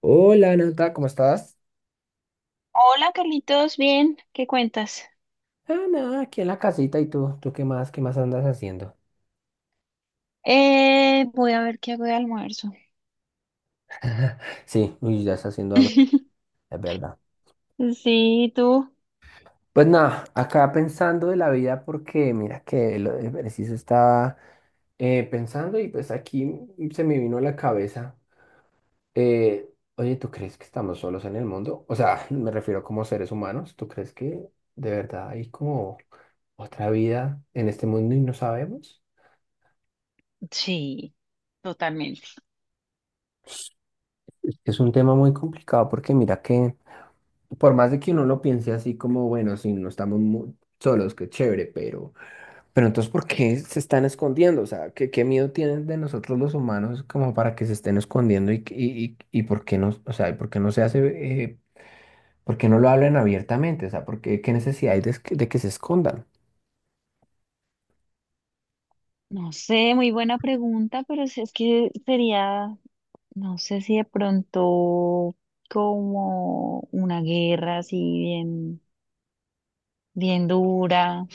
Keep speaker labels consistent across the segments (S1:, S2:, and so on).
S1: Hola, Nata, ¿cómo estás?
S2: Hola Carlitos, bien, ¿qué cuentas?
S1: Ah, nada, aquí en la casita. ¿Y tú? ¿Tú qué más? ¿Qué más andas haciendo?
S2: Voy a ver qué hago de almuerzo.
S1: Sí, uy, ya está haciendo hambre, es verdad.
S2: Sí, tú.
S1: Pues nada, acá pensando de la vida porque mira que lo de preciso estaba, pensando, y pues aquí se me vino a la cabeza. eh, Oye, ¿tú crees que estamos solos en el mundo? O sea, me refiero como seres humanos. ¿Tú crees que de verdad hay como otra vida en este mundo y no sabemos?
S2: Sí, totalmente.
S1: Es un tema muy complicado porque mira que por más de que uno lo piense así como, bueno, sí, no estamos solos, qué chévere, pero entonces, ¿por qué se están escondiendo? O sea, ¿qué, miedo tienen de nosotros los humanos como para que se estén escondiendo, y por qué no, o sea, ¿y por qué no se hace, eh, por qué no lo hablan abiertamente? O sea, ¿por qué, qué necesidad hay de que se escondan?
S2: No sé, muy buena pregunta, pero si es que sería, no sé si de pronto como una guerra así bien, bien dura.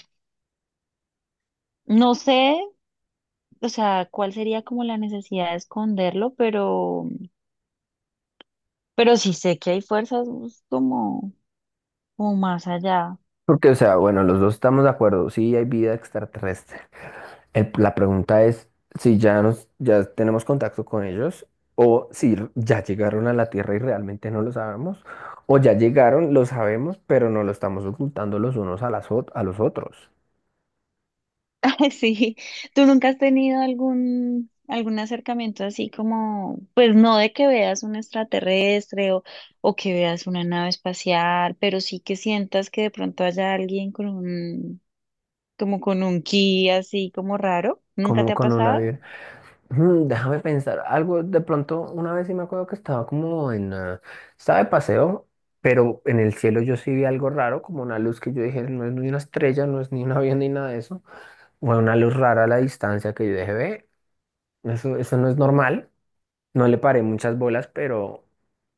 S2: No sé, o sea, cuál sería como la necesidad de esconderlo, pero sí sé que hay fuerzas pues, como, como más allá.
S1: Porque, o sea, bueno, los dos estamos de acuerdo, sí hay vida extraterrestre. La pregunta es si ya tenemos contacto con ellos, o si ya llegaron a la Tierra y realmente no lo sabemos, o ya llegaron, lo sabemos, pero no lo estamos ocultando los unos a a los otros.
S2: Sí, ¿tú nunca has tenido algún acercamiento así como, pues no de que veas un extraterrestre o que veas una nave espacial, pero sí que sientas que de pronto haya alguien con un, como con un ki así como raro? ¿Nunca te
S1: Como
S2: ha
S1: con una...
S2: pasado?
S1: vi- Déjame pensar algo. De pronto, una vez sí me acuerdo que estaba de paseo, pero en el cielo yo sí vi algo raro, como una luz que yo dije, no es ni una estrella, no es ni un avión ni nada de eso. Fue una luz rara a la distancia que yo dije, ve, eso no es normal. No le paré muchas bolas, pero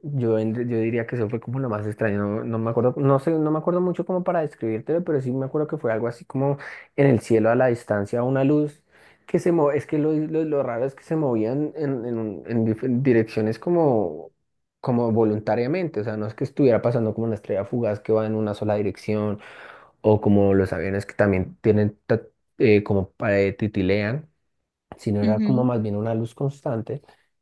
S1: yo diría que eso fue como lo más extraño. No, no me acuerdo, no sé, no me acuerdo mucho como para describírtelo, pero sí me acuerdo que fue algo así como en el cielo a la distancia, una luz que es que lo, raro es que se movían en direcciones como voluntariamente. O sea, no es que estuviera pasando como una estrella fugaz que va en una sola dirección, o como los aviones, que también tienen como, titilean, sino era como
S2: Ujú.
S1: más bien una luz constante,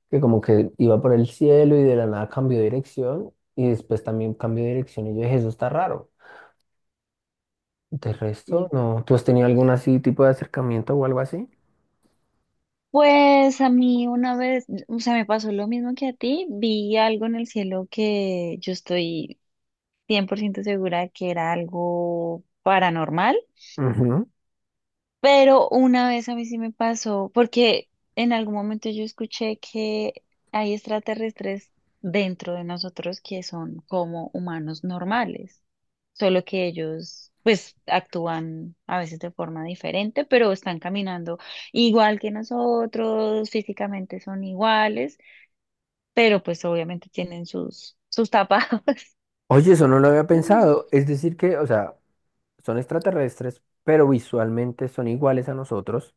S1: que como que iba por el cielo y de la nada cambió de dirección, y después también cambió de dirección, y yo dije, eso está raro. De resto,
S2: Sí.
S1: no. ¿Tú has tenido algún así tipo de acercamiento o algo así?
S2: Pues a mí una vez, o sea, me pasó lo mismo que a ti, vi algo en el cielo que yo estoy 100% segura que era algo paranormal.
S1: Ujú.
S2: Pero una vez a mí sí me pasó, porque en algún momento yo escuché que hay extraterrestres dentro de nosotros que son como humanos normales, solo que ellos pues actúan a veces de forma diferente, pero están caminando igual que nosotros, físicamente son iguales, pero pues obviamente tienen sus tapados.
S1: Oye, eso no lo había pensado. Es decir que, o sea, son extraterrestres, pero visualmente son iguales a nosotros.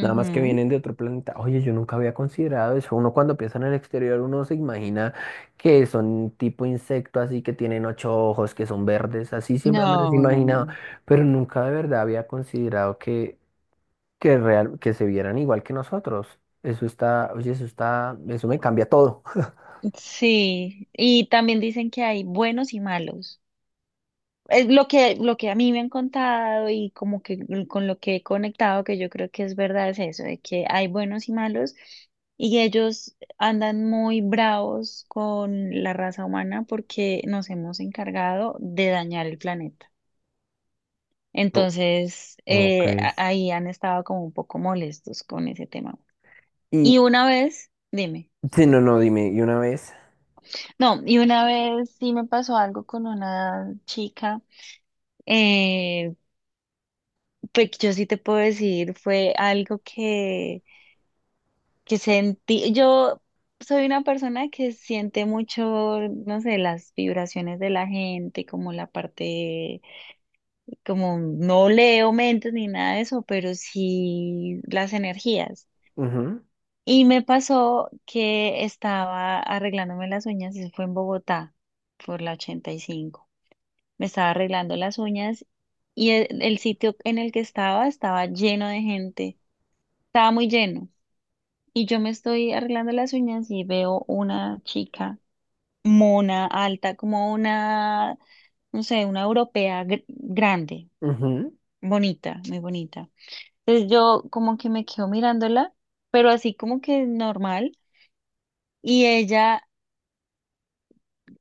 S1: Nada más que
S2: Ujú.
S1: vienen de otro planeta. Oye, yo nunca había considerado eso. Uno cuando piensa en el exterior, uno se imagina que son tipo insecto, así que tienen ocho ojos, que son verdes, así siempre me los he
S2: No, no,
S1: imaginado.
S2: no.
S1: Pero nunca de verdad había considerado que, real, que se vieran igual que nosotros. Eso está, oye, eso está, eso me cambia todo.
S2: Sí, y también dicen que hay buenos y malos. Es lo que a mí me han contado y como que con lo que he conectado, que yo creo que es verdad, es eso, de que hay buenos y malos y ellos andan muy bravos con la raza humana porque nos hemos encargado de dañar el planeta.
S1: No.
S2: Entonces,
S1: Ok.
S2: ahí han estado como un poco molestos con ese tema. Y
S1: Y,
S2: una vez, dime,
S1: sí, no, no, dime, y una vez.
S2: no, y una vez sí me pasó algo con una chica. Eh, Pues yo sí te puedo decir, fue algo que sentí. Yo soy una persona que siente mucho, no sé, las vibraciones de la gente, como la parte, como no leo mentes ni nada de eso, pero sí las energías.
S1: Ujú.
S2: Y me pasó que estaba arreglándome las uñas, eso fue en Bogotá, por la 85. Me estaba arreglando las uñas y el sitio en el que estaba estaba lleno de gente, estaba muy lleno. Y yo me estoy arreglando las uñas y veo una chica mona, alta, como una, no sé, una europea grande,
S1: Ujú.
S2: bonita, muy bonita. Entonces yo como que me quedo mirándola, pero así como que normal. Y ella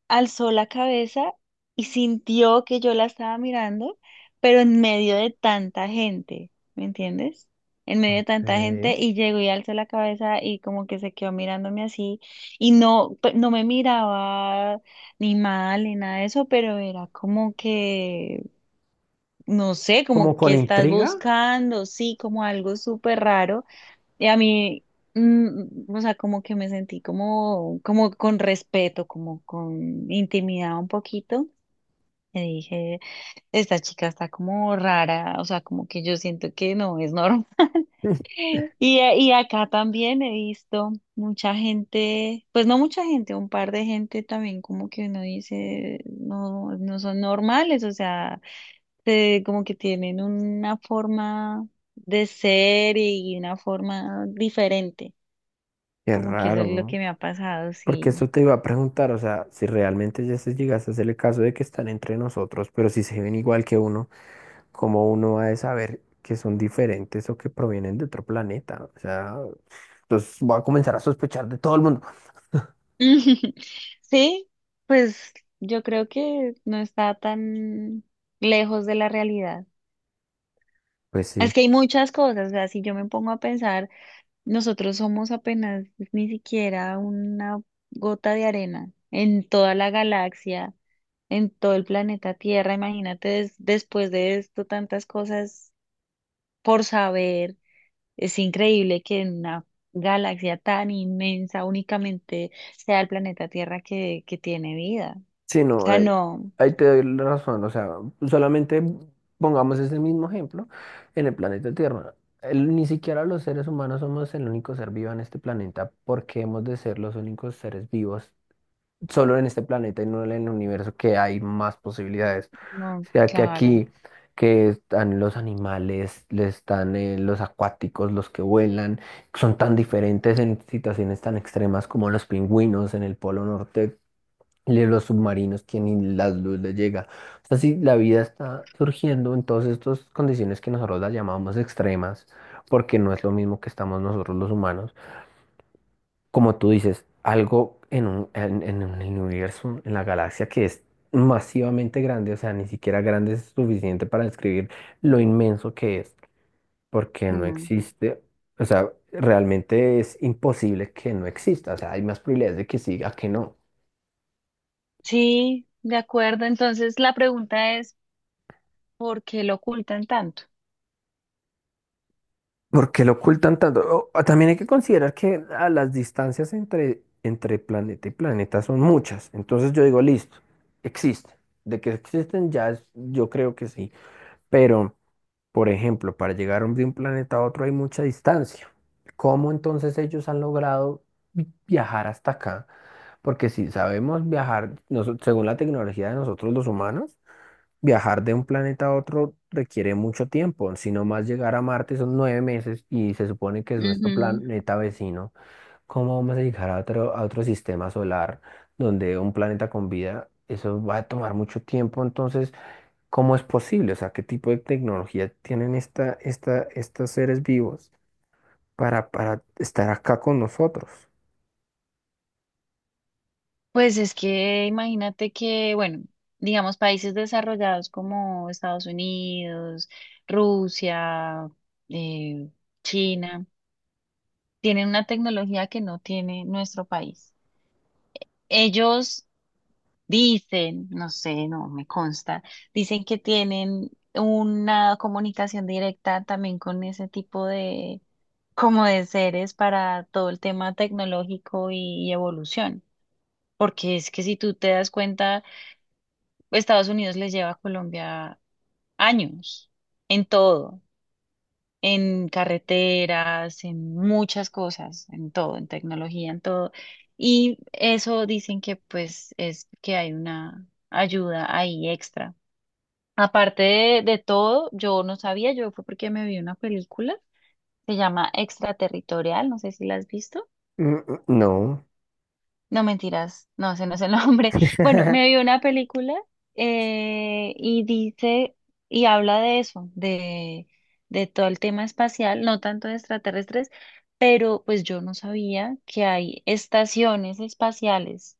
S2: alzó la cabeza y sintió que yo la estaba mirando, pero en medio de tanta gente, ¿me entiendes? En medio de tanta gente
S1: Ok.
S2: y llegó y alzó la cabeza y como que se quedó mirándome así y no, no me miraba ni mal ni nada de eso, pero era como que, no sé,
S1: Como
S2: como
S1: con
S2: que estás
S1: intriga.
S2: buscando, sí, como algo súper raro. Y a mí, o sea, como que me sentí como, como con respeto, como con intimidad un poquito. Y dije, esta chica está como rara, o sea, como que yo siento que no es normal. Y, y acá también he visto mucha gente, pues no mucha gente, un par de gente también como que uno dice, no, no son normales, o sea, como que tienen una forma de ser y una forma diferente.
S1: Qué
S2: Como que eso
S1: raro,
S2: es lo
S1: ¿no?
S2: que me ha pasado,
S1: Porque
S2: sí.
S1: eso te iba a preguntar, o sea, si realmente ya se llegase a hacer el caso de que están entre nosotros, pero si se ven igual que uno, ¿cómo uno va a saber que son diferentes o que provienen de otro planeta? O sea, entonces voy a comenzar a sospechar de todo el mundo.
S2: Sí, pues yo creo que no está tan lejos de la realidad.
S1: Pues
S2: Es
S1: sí.
S2: que hay muchas cosas, o sea, si yo me pongo a pensar, nosotros somos apenas ni siquiera una gota de arena en toda la galaxia, en todo el planeta Tierra. Imagínate después de esto tantas cosas por saber. Es increíble que en una galaxia tan inmensa únicamente sea el planeta Tierra que tiene vida.
S1: Sí,
S2: O
S1: no,
S2: sea, no,
S1: ahí te doy la razón. O sea, solamente pongamos ese mismo ejemplo en el planeta Tierra. Ni siquiera los seres humanos somos el único ser vivo en este planeta, porque hemos de ser los únicos seres vivos solo en este planeta y no en el universo, que hay más posibilidades.
S2: no,
S1: O sea, que
S2: claro.
S1: aquí que están los animales, le están, los acuáticos, los que vuelan, son tan diferentes en situaciones tan extremas como los pingüinos en el Polo Norte, y los submarinos que ni la luz les llega. O sea, si la vida está surgiendo en todas estas condiciones que nosotros las llamamos extremas, porque no es lo mismo que estamos nosotros los humanos, como tú dices, algo en un, en el universo, en la galaxia, que es masivamente grande, o sea, ni siquiera grande es suficiente para describir lo inmenso que es, porque no
S2: Mm.
S1: existe, o sea, realmente es imposible que no exista, o sea, hay más probabilidades de que sí a que no.
S2: Sí, de acuerdo. Entonces la pregunta es, ¿por qué lo ocultan tanto?
S1: ¿Por qué lo ocultan tanto? También hay que considerar que, las distancias entre planeta y planeta son muchas, entonces yo digo, listo, existe. De que existen ya, yo creo que sí, pero por ejemplo, para llegar de un planeta a otro hay mucha distancia. ¿Cómo entonces ellos han logrado viajar hasta acá? Porque si sabemos viajar, según la tecnología de nosotros los humanos, viajar de un planeta a otro requiere mucho tiempo. Si no, más llegar a Marte son 9 meses, y se supone que es nuestro
S2: Ujú.
S1: planeta vecino. ¿Cómo vamos a llegar a otro sistema solar, donde un planeta con vida, eso va a tomar mucho tiempo? Entonces, ¿cómo es posible? O sea, ¿qué tipo de tecnología tienen estos seres vivos, para, estar acá con nosotros?
S2: Pues es que imagínate que, bueno, digamos, países desarrollados como Estados Unidos, Rusia, eh, China, tienen una tecnología que no tiene nuestro país. Ellos dicen, no sé, no me consta, dicen que tienen una comunicación directa también con ese tipo de, como de seres para todo el tema tecnológico y evolución. Porque es que si tú te das cuenta, Estados Unidos les lleva a Colombia años en todo. En carreteras, en muchas cosas, en todo, en tecnología, en todo. Y eso dicen que pues es que hay una ayuda ahí extra. Aparte de todo, yo no sabía, yo fue porque me vi una película, se llama Extraterritorial, no sé si la has visto.
S1: Mm. No.
S2: No mentiras, no, ese no es el nombre. Bueno, me vi una película eh, y dice y habla de eso, de todo el tema espacial, no tanto de extraterrestres, pero pues yo no sabía que hay estaciones espaciales.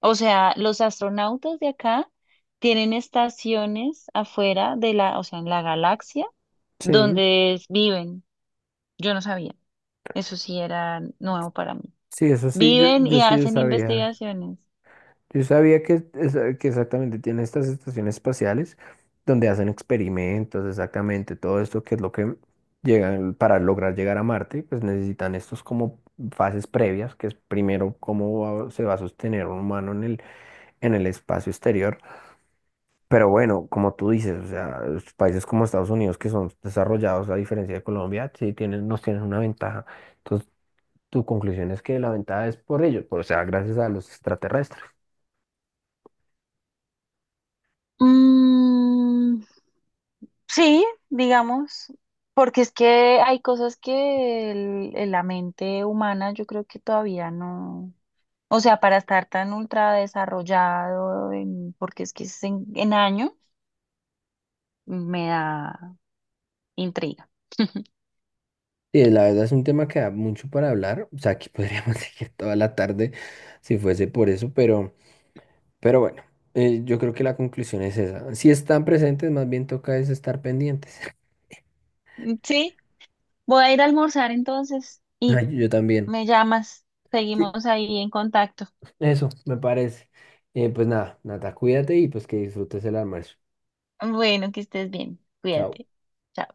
S2: O sea, los astronautas de acá tienen estaciones afuera de la, o sea, en la galaxia
S1: Sí,
S2: donde viven. Yo no sabía. Eso sí era nuevo para mí.
S1: sí, eso sí, yo,
S2: Viven
S1: yo
S2: y
S1: sí
S2: hacen
S1: sabía.
S2: investigaciones.
S1: Yo sabía que exactamente tiene estas estaciones espaciales donde hacen experimentos, exactamente todo esto que es lo que llegan, para lograr llegar a Marte, pues necesitan estos como fases previas, que es primero cómo se va a sostener un humano en el espacio exterior. Pero bueno, como tú dices, o sea, los países como Estados Unidos, que son desarrollados a diferencia de Colombia, sí tienen, nos tienen una ventaja. Entonces, tu conclusión es que la ventaja es por ellos, o sea, gracias a los extraterrestres.
S2: Mm, sí, digamos, porque es que hay cosas que la mente humana yo creo que todavía no, o sea, para estar tan ultra desarrollado, porque es que es en año, me da intriga.
S1: Sí, la verdad es un tema que da mucho para hablar. O sea, aquí podríamos seguir toda la tarde si fuese por eso, pero, bueno, yo creo que la conclusión es esa. Si están presentes, más bien toca es estar pendientes.
S2: Mm, sí, voy a ir a almorzar entonces y
S1: Ay, yo también.
S2: me llamas,
S1: Sí,
S2: seguimos ahí en contacto.
S1: eso me parece. Pues nada, Nata, cuídate y pues que disfrutes el almuerzo.
S2: Bueno, que estés bien,
S1: Chao.
S2: cuídate. Chao.